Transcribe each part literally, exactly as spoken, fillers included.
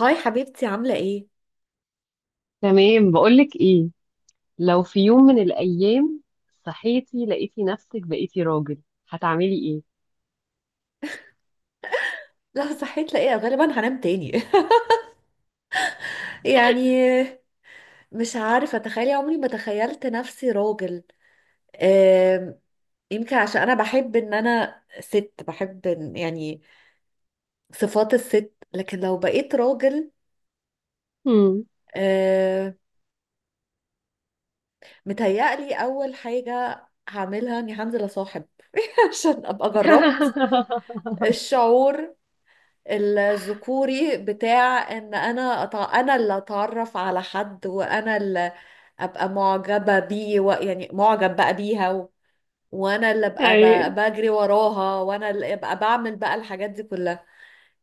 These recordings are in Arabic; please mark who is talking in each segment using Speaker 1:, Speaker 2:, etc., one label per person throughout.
Speaker 1: هاي حبيبتي، عاملة ايه؟
Speaker 2: تمام، بقولك ايه. لو في يوم من الايام صحيتي لقيتي نفسك بقيتي راجل هتعملي ايه؟
Speaker 1: لا، صحيت لاقيه غالبا هنام تاني. يعني، مش عارفة اتخيل، عمري ما تخيلت نفسي راجل. آم، يمكن عشان انا بحب ان انا ست، بحب إن- يعني صفات الست، لكن لو بقيت راجل،
Speaker 2: مم.
Speaker 1: آم، متهيألي اول حاجة هعملها اني هنزل اصاحب عشان ابقى جربت الشعور الذكوري بتاع ان انا أتع... انا اللي اتعرف على حد، وانا اللي ابقى معجبة بيه و... يعني معجب بقى بيها و... وانا اللي ابقى ب...
Speaker 2: أي.
Speaker 1: بجري وراها، وانا اللي ابقى بعمل بقى الحاجات دي كلها.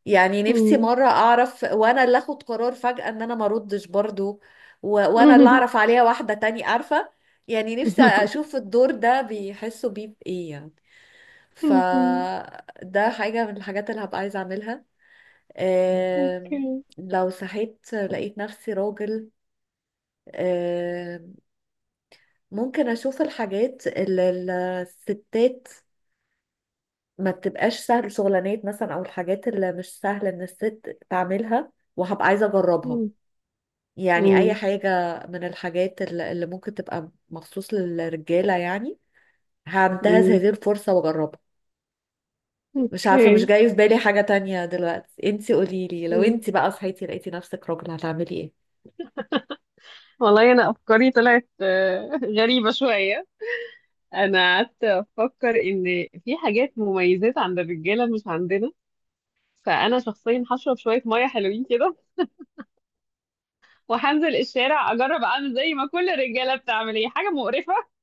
Speaker 1: يعني نفسي
Speaker 2: مم.
Speaker 1: مرة اعرف، وانا اللي اخد قرار فجأة ان انا ما اردش برضو، و... وانا اللي اعرف عليها واحدة تاني، عارفة؟ يعني نفسي اشوف الدور ده بيحسوا بيه بايه يعني.
Speaker 2: مم.
Speaker 1: فده حاجة من الحاجات اللي هبقى عايزة اعملها.
Speaker 2: اوكي.
Speaker 1: آم، لو صحيت لقيت نفسي راجل، آم، ممكن اشوف الحاجات اللي الستات ما بتبقاش سهل، شغلانات مثلا او الحاجات اللي مش سهل ان الست تعملها، وهبقى عايزة اجربها.
Speaker 2: مم.
Speaker 1: يعني اي
Speaker 2: مم.
Speaker 1: حاجة من الحاجات اللي اللي ممكن تبقى مخصوص للرجالة، يعني هنتهز
Speaker 2: مم.
Speaker 1: هذه الفرصة واجربها. مش عارفة، مش
Speaker 2: اوكي.
Speaker 1: جاي في بالي حاجة تانية دلوقتي. انتي قوليلي، لو
Speaker 2: مم.
Speaker 1: انتي بقى صحيتي لقيتي نفسك راجل هتعملي ايه؟
Speaker 2: والله انا افكاري طلعت آه، غريبة شوية. انا قعدت افكر ان في حاجات مميزات عند الرجالة مش عندنا. فانا شخصيا هشرب شوية مية حلوين كده وهنزل الشارع اجرب اعمل زي ما كل الرجاله بتعمل. هي حاجه مقرفه.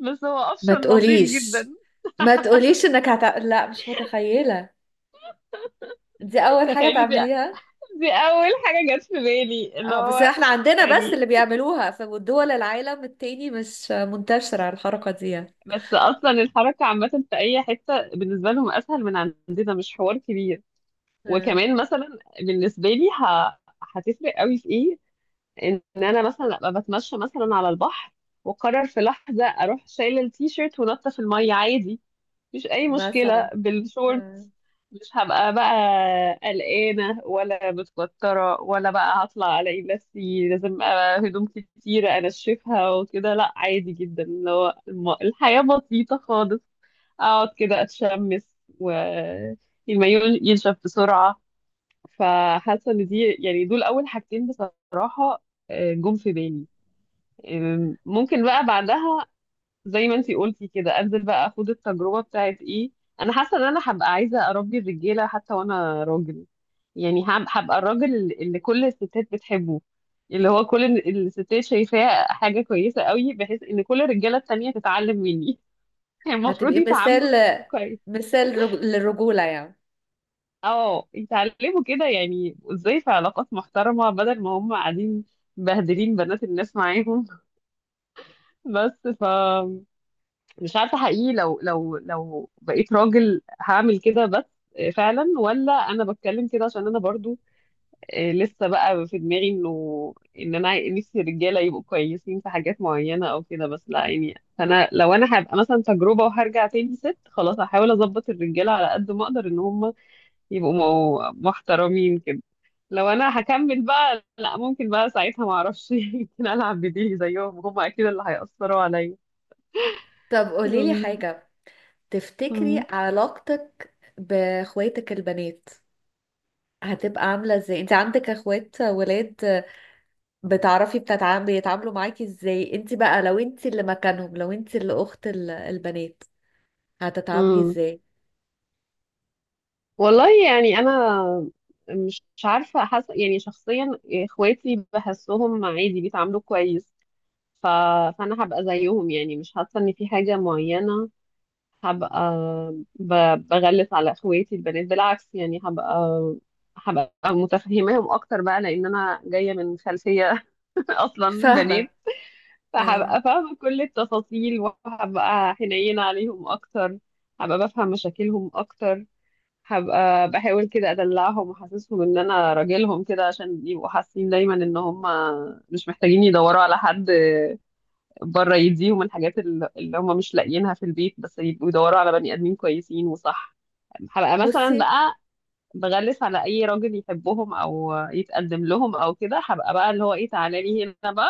Speaker 2: بس هو
Speaker 1: ما
Speaker 2: اوبشن لطيف
Speaker 1: تقوليش،
Speaker 2: جدا.
Speaker 1: ما تقوليش انك هت... لا، مش متخيلة دي اول حاجة
Speaker 2: تخيلي دي,
Speaker 1: تعمليها.
Speaker 2: دي اول حاجه جت في بالي، اللي
Speaker 1: اه بس
Speaker 2: هو
Speaker 1: احنا عندنا بس
Speaker 2: يعني.
Speaker 1: اللي بيعملوها، في دول العالم التاني مش منتشرة الحركة دي.
Speaker 2: بس اصلا الحركه عامه في اي حته، بالنسبه لهم اسهل من عندنا، مش حوار كبير.
Speaker 1: آه،
Speaker 2: وكمان مثلا بالنسبه لي ه... هتفرق قوي في ايه؟ ان انا مثلا ابقى بتمشى مثلا على البحر وقرر في لحظه اروح شايله التيشيرت ونطه في الميه عادي، مفيش اي مشكله
Speaker 1: مثلا.
Speaker 2: بالشورت.
Speaker 1: آه.
Speaker 2: مش هبقى بقى قلقانه ولا متوتره ولا بقى هطلع الاقي نفسي لازم أبقى هدوم كتيره انشفها وكده، لا عادي جدا، اللي هو الم- الحياه بسيطه خالص. اقعد كده اتشمس والمايو ينشف بسرعه. فحاسه ان دي يعني دول اول حاجتين بصراحه، آه، جم في بالي. آم، ممكن بقى بعدها زي ما انتي قلتي كده انزل بقى اخد التجربه بتاعت ايه. انا حاسه ان انا هبقى عايزه اربي الرجاله حتى وانا راجل. يعني هب- هبقى الراجل اللي كل الستات بتحبه، اللي هو كل ال- الستات شايفاه حاجه كويسه قوي، بحيث ان كل الرجاله التانية تتعلم مني. يعني المفروض
Speaker 1: هتبقي مثال،
Speaker 2: يتعاملوا كويس.
Speaker 1: مثال رج... للرجولة يعني.
Speaker 2: اه يتعلموا كده، يعني ازاي في علاقات محترمه، بدل ما هم قاعدين مبهدلين بنات الناس معاهم. بس ف مش عارفة حقيقي، لو لو لو بقيت راجل هعمل كده. بس آه، فعلا، ولا انا بتكلم كده عشان انا برضو آه، لسه بقى في دماغي انه ان انا نفسي الرجاله يبقوا كويسين في حاجات معينه او كده. بس لا، يعني انا لو انا هبقى مثلا تجربه وهرجع تاني ست خلاص، هحاول اظبط الرجاله على قد ما اقدر ان هم يبقوا مو- محترمين كده. لو انا هكمل بقى لا، ممكن بقى ساعتها ما اعرفش. يمكن العب بديلي زيهم، هم اكيد اللي هيأثروا عليا.
Speaker 1: طب قوليلي
Speaker 2: أمم.
Speaker 1: حاجة، تفتكري
Speaker 2: أمم.
Speaker 1: علاقتك باخواتك البنات هتبقى عاملة ازاي؟ انت عندك اخوات ولاد، بتعرفي بتتع- بيتعاملوا معاكي ازاي. انت بقى لو انت اللي مكانهم، لو انت اللي اخت ال- البنات، هتتعاملي
Speaker 2: أمم.
Speaker 1: ازاي؟
Speaker 2: والله يعني انا مش مش عارفه، حاسه يعني شخصيا اخواتي بحسهم عادي، بيتعاملوا كويس. ف... فانا هبقى زيهم، يعني مش حاسه ان في حاجه معينه هبقى ب... بغلس على اخواتي البنات، بالعكس يعني. هبقى هبقى متفهماهم اكتر بقى، لان انا جايه من خلفيه اصلا بنات.
Speaker 1: فاهمة. ايوه.
Speaker 2: فهبقى فاهمه كل التفاصيل، وهبقى حنينه عليهم اكتر. هبقى بفهم مشاكلهم اكتر. هبقى بحاول كده ادلعهم واحسسهم ان انا راجلهم كده، عشان يبقوا حاسين دايما ان هم مش محتاجين يدوروا على حد بره يديهم الحاجات اللي اللي هم مش لاقيينها في البيت. بس يبقوا يدوروا على بني ادمين كويسين وصح. هبقى مثلا
Speaker 1: بصي،
Speaker 2: بقى بغلس على اي راجل يحبهم او يتقدم لهم او كده. هبقى بقى اللي هو ايه، تعالى لي هنا بقى.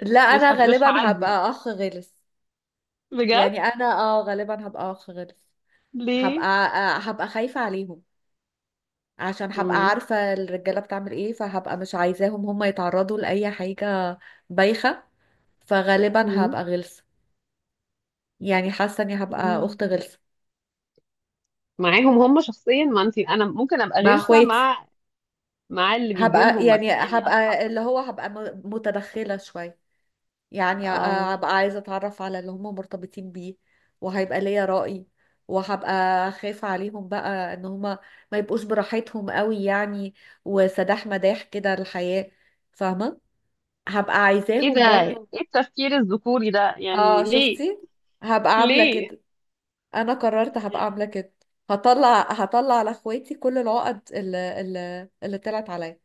Speaker 1: لا
Speaker 2: مش
Speaker 1: انا
Speaker 2: ه... مش
Speaker 1: غالبا
Speaker 2: هعدي
Speaker 1: هبقى اخ غلس.
Speaker 2: بجد.
Speaker 1: يعني انا، اه غالبا هبقى اخ غلس. هبقى
Speaker 2: ليه؟
Speaker 1: آه، هبقى خايفة عليهم، عشان هبقى
Speaker 2: مم.
Speaker 1: عارفة الرجالة بتعمل ايه، فهبقى مش عايزاهم هم يتعرضوا لأي حاجة بايخة. فغالبا
Speaker 2: مم.
Speaker 1: هبقى غلسة، يعني حاسة اني هبقى
Speaker 2: مم.
Speaker 1: اخت غلسة
Speaker 2: معاهم هم شخصيا، ما انت انا ممكن ابقى
Speaker 1: مع
Speaker 2: غلسه
Speaker 1: اخواتي.
Speaker 2: مع مع اللي بيجي
Speaker 1: هبقى
Speaker 2: لهم
Speaker 1: يعني
Speaker 2: مثلا، يعني اصحى
Speaker 1: هبقى اللي هو هبقى م- متدخلة شوية، يعني ه-
Speaker 2: اه.
Speaker 1: هبقى عايزة أتعرف على اللي هم مرتبطين بيه، وهيبقى ليا رأي، وهبقى خايفة عليهم بقى إن هم ما يبقوش براحتهم قوي يعني، وسداح مداح كده الحياة، فاهمة؟ هبقى
Speaker 2: ايه ده؟
Speaker 1: عايزاهم برضو.
Speaker 2: ايه التفكير الذكوري ده، يعني
Speaker 1: اه،
Speaker 2: ليه؟
Speaker 1: شفتي؟ هبقى عاملة
Speaker 2: ليه؟
Speaker 1: كده. أنا قررت هبقى عاملة كده، هطلع هطلع على اخواتي كل العقد اللي اللي, اللي طلعت عليا.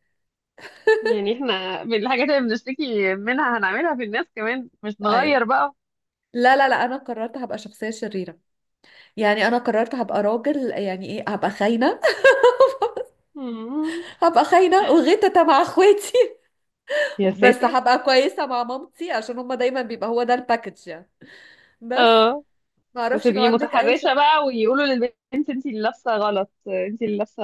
Speaker 2: يعني احنا من الحاجات اللي بنشتكي منها هنعملها في الناس كمان، مش
Speaker 1: ايوه.
Speaker 2: نغير بقى.
Speaker 1: لا لا لا، انا قررت هبقى شخصيه شريره. يعني انا قررت هبقى راجل، يعني ايه، هبقى خاينه.
Speaker 2: مم.
Speaker 1: هبقى خاينه وغيتة مع اخواتي،
Speaker 2: يا
Speaker 1: بس
Speaker 2: ساتر.
Speaker 1: هبقى كويسه مع مامتي، عشان هما دايما بيبقى هو ده الباكج يعني. بس
Speaker 2: اه.
Speaker 1: ما اعرفش، لو
Speaker 2: وتبقي
Speaker 1: عندك اي
Speaker 2: متحرشة
Speaker 1: سبب.
Speaker 2: بقى ويقولوا للبنت انت اللي لابسة غلط، انت اللي لابسة،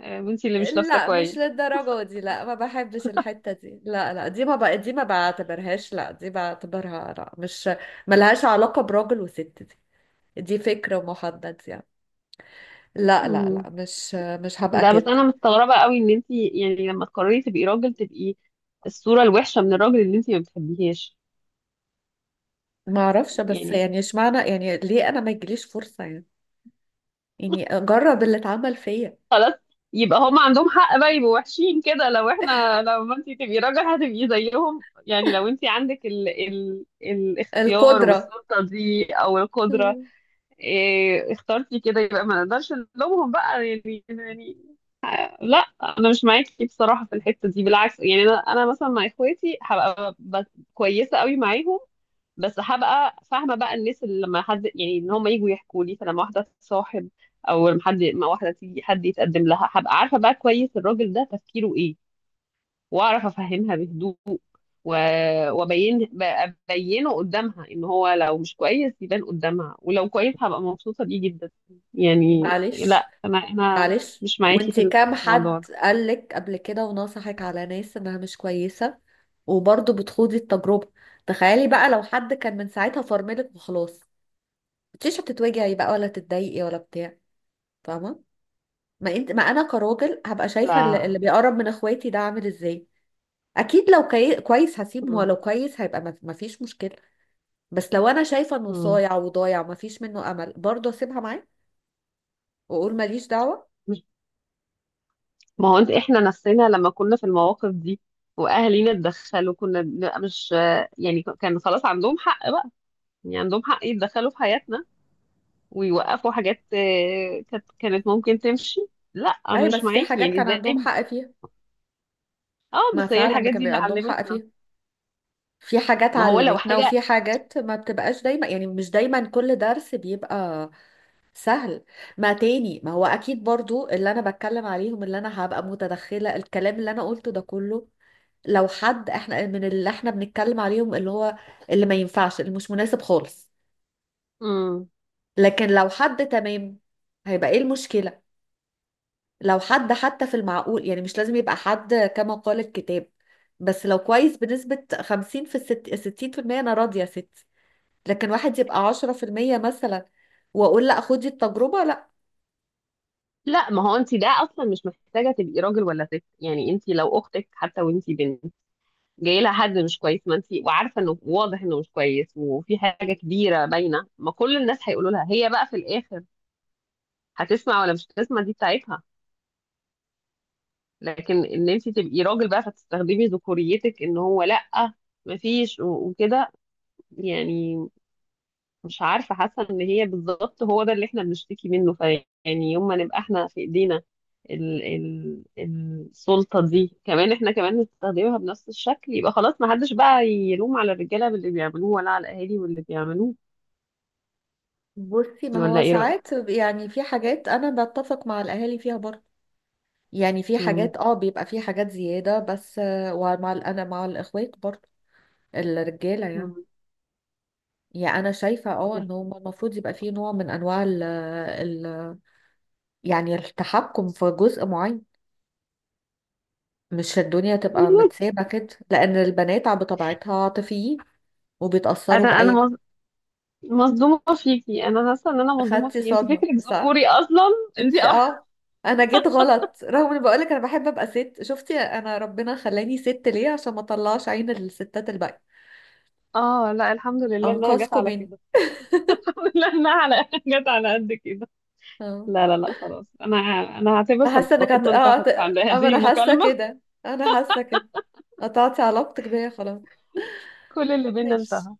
Speaker 2: آه، انت اللي مش لابسة
Speaker 1: لا، مش
Speaker 2: كويس.
Speaker 1: للدرجه دي، لا، ما بحبش الحته دي، لا لا، دي ما بقى دي ما بعتبرهاش، لا دي بعتبرها لا، مش ملهاش علاقه براجل وست دي، دي فكره محدد يعني. لا لا
Speaker 2: مم.
Speaker 1: لا، مش مش هبقى
Speaker 2: ده بس
Speaker 1: كده.
Speaker 2: انا مستغربة قوي ان انت يعني لما تقرري تبقي راجل تبقي الصورة الوحشة من الراجل اللي انت ما بتحبيهاش.
Speaker 1: ما اعرفش، بس
Speaker 2: يعني
Speaker 1: يعني اشمعنى، يعني ليه انا ما يجيليش فرصه يعني. يعني جرب اللي اتعمل فيا.
Speaker 2: خلاص يبقى هم عندهم حق بقى يبقوا وحشين كده، لو احنا لما انت تبقي راجل هتبقي زيهم، يعني لو انت عندك ال ال الاختيار
Speaker 1: القدرة.
Speaker 2: والسلطة دي او القدرة.
Speaker 1: مم.
Speaker 2: إيه اخترتي كده، يبقى ما نقدرش نلومهم بقى، يعني يعني لا. انا مش معاكي بصراحة في الحتة دي، بالعكس يعني. انا انا مثلا مع اخواتي هبقى ب- كويسة قوي معاهم. بس هبقى فاهمه بقى الناس، اللي لما حد يعني ان هم يجوا يحكوا لي، فلما واحده تصاحب او لما حد ما واحده تيجي حد يتقدم لها هبقى عارفه بقى كويس الراجل ده تفكيره ايه، واعرف افهمها بهدوء. و... وابين ب- ابينه قدامها، ان هو لو مش كويس يبان قدامها، ولو كويس هبقى مبسوطه بيه جدا. يعني
Speaker 1: معلش،
Speaker 2: لا، انا انا
Speaker 1: معلش،
Speaker 2: مش معاكي
Speaker 1: وانتي
Speaker 2: في
Speaker 1: كام
Speaker 2: الموضوع
Speaker 1: حد
Speaker 2: ده.
Speaker 1: قالك قبل كده ونصحك على ناس انها مش كويسة، وبرضه بتخوضي التجربة؟ تخيلي بقى، لو حد كان من ساعتها فرملك وخلاص، مش هتتوجعي بقى ولا تتضايقي ولا بتاع، فاهمة؟ ما انت ما انا كراجل هبقى شايفة اللي,
Speaker 2: لا
Speaker 1: اللي بيقرب من اخواتي ده عامل ازاي. اكيد لو كي... كويس هسيبه،
Speaker 2: م-
Speaker 1: ولو كويس هيبقى ما ما فيش مشكلة. بس لو انا شايفة انه
Speaker 2: م-
Speaker 1: صايع وضايع وما فيش منه امل، برضه اسيبها معاه وأقول ماليش دعوة.
Speaker 2: ما هو انت احنا نفسنا لما كنا في المواقف دي واهالينا اتدخلوا كنا بنبقى مش، يعني كان خلاص عندهم حق بقى، يعني عندهم حق يتدخلوا في حياتنا ويوقفوا حاجات آه، كانت كانت ممكن تمشي. لا انا
Speaker 1: أي، بس
Speaker 2: مش
Speaker 1: في
Speaker 2: معاكي،
Speaker 1: حاجات
Speaker 2: يعني
Speaker 1: كان
Speaker 2: ازاي؟
Speaker 1: عندهم حق فيها.
Speaker 2: اه
Speaker 1: ما
Speaker 2: بس هي
Speaker 1: فعلا
Speaker 2: الحاجات
Speaker 1: كان
Speaker 2: دي اللي
Speaker 1: بيبقى عندهم حق
Speaker 2: علمتنا.
Speaker 1: فيها. في حاجات
Speaker 2: ما هو لو
Speaker 1: علمتنا، وفي
Speaker 2: حاجة.
Speaker 1: حاجات ما بتبقاش دايما، يعني مش دايما كل درس بيبقى سهل. ما تاني، ما هو أكيد برضو اللي أنا بتكلم عليهم، اللي أنا هبقى متدخلة، الكلام اللي أنا قلته ده كله لو حد احنا من اللي احنا بنتكلم عليهم، اللي هو اللي ما ينفعش، اللي مش مناسب خالص.
Speaker 2: مم.
Speaker 1: لكن لو حد تمام هيبقى ايه المشكلة؟ لو حد حتى في المعقول، يعني مش لازم يبقى حد كما قال الكتاب، بس لو كويس بنسبة خمسين في الست، ستين في المية، أنا راضية يا ستي. لكن واحد يبقى عشرة في المية مثلا، وأقول لأ خدي التجربة؟ لأ.
Speaker 2: لا ما هو انت ده اصلا مش محتاجة تبقي راجل ولا ست، يعني انت لو اختك حتى وانت بنت جاي لها حد مش كويس، ما انت وعارفه انه واضح انه مش كويس وفي حاجه كبيره باينه، ما كل الناس هيقولوا لها. هي بقى في الاخر هتسمع ولا مش هتسمع، دي بتاعتها. لكن ان انت تبقي راجل بقى فتستخدمي ذكوريتك ان هو لا، ما فيش وكده، يعني مش عارفة. حاسة ان هي بالظبط هو ده اللي احنا بنشتكي منه، فيعني يوم ما نبقى احنا في ايدينا ال ال السلطة دي، كمان احنا كمان نستخدمها بنفس الشكل، يبقى خلاص ما حدش بقى يلوم على الرجالة باللي بيعملوه ولا على الاهالي واللي بيعملوه.
Speaker 1: بصي، ما
Speaker 2: ولا
Speaker 1: هو
Speaker 2: ايه رأيك؟
Speaker 1: ساعات يعني في حاجات أنا بتفق مع الأهالي فيها برضه. يعني في
Speaker 2: مم.
Speaker 1: حاجات اه بيبقى في حاجات زيادة بس، آه، ومع ال- أنا مع الإخوات برضه، الرجالة يعني.
Speaker 2: مم.
Speaker 1: يعني أنا شايفة، اه إن هو المفروض يبقى فيه نوع من أنواع ال ال يعني التحكم في جزء معين، مش الدنيا تبقى متسابة كده، لأن البنات ع- بطبيعتها عاطفيين، وبيتأثروا
Speaker 2: انا انا
Speaker 1: بأي
Speaker 2: مظ-
Speaker 1: حاجة.
Speaker 2: مصدومة فيكي. انا حاسة ان انا مصدومة
Speaker 1: خدتي
Speaker 2: فيكي، انت
Speaker 1: صدمة
Speaker 2: فكرك
Speaker 1: صح؟
Speaker 2: ذكوري اصلا. انت
Speaker 1: انت
Speaker 2: اه.
Speaker 1: اه. انا جيت غلط، رغم اني بقولك انا بحب ابقى ست. شفتي انا ربنا خلاني ست ليه؟ عشان ما اطلعش عين الستات الباقية،
Speaker 2: آه، لا الحمد لله انها جت
Speaker 1: انقذكم
Speaker 2: على
Speaker 1: مني.
Speaker 2: كده. لا انها على جت على قد كده.
Speaker 1: اه،
Speaker 2: لا لا لا خلاص. انا انا هعتبر
Speaker 1: حاسه انك هت...
Speaker 2: صداقتنا
Speaker 1: اه هت...
Speaker 2: انتهت عند
Speaker 1: آه، اما
Speaker 2: هذه
Speaker 1: انا حاسه
Speaker 2: المكالمة.
Speaker 1: كده، انا حاسه كده، قطعتي علاقتك بيا خلاص.
Speaker 2: كل اللي بينا
Speaker 1: ماشي،
Speaker 2: انتهى.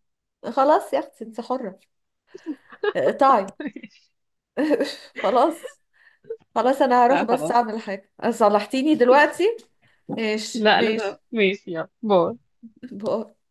Speaker 1: خلاص يا اختي انت حرة، اقطعي. خلاص، خلاص. انا هروح
Speaker 2: لا
Speaker 1: بس
Speaker 2: خلاص.
Speaker 1: اعمل حاجة، صلحتيني دلوقتي. ماشي،
Speaker 2: لا
Speaker 1: ماشي.
Speaker 2: لازم، ماشي يلا باي.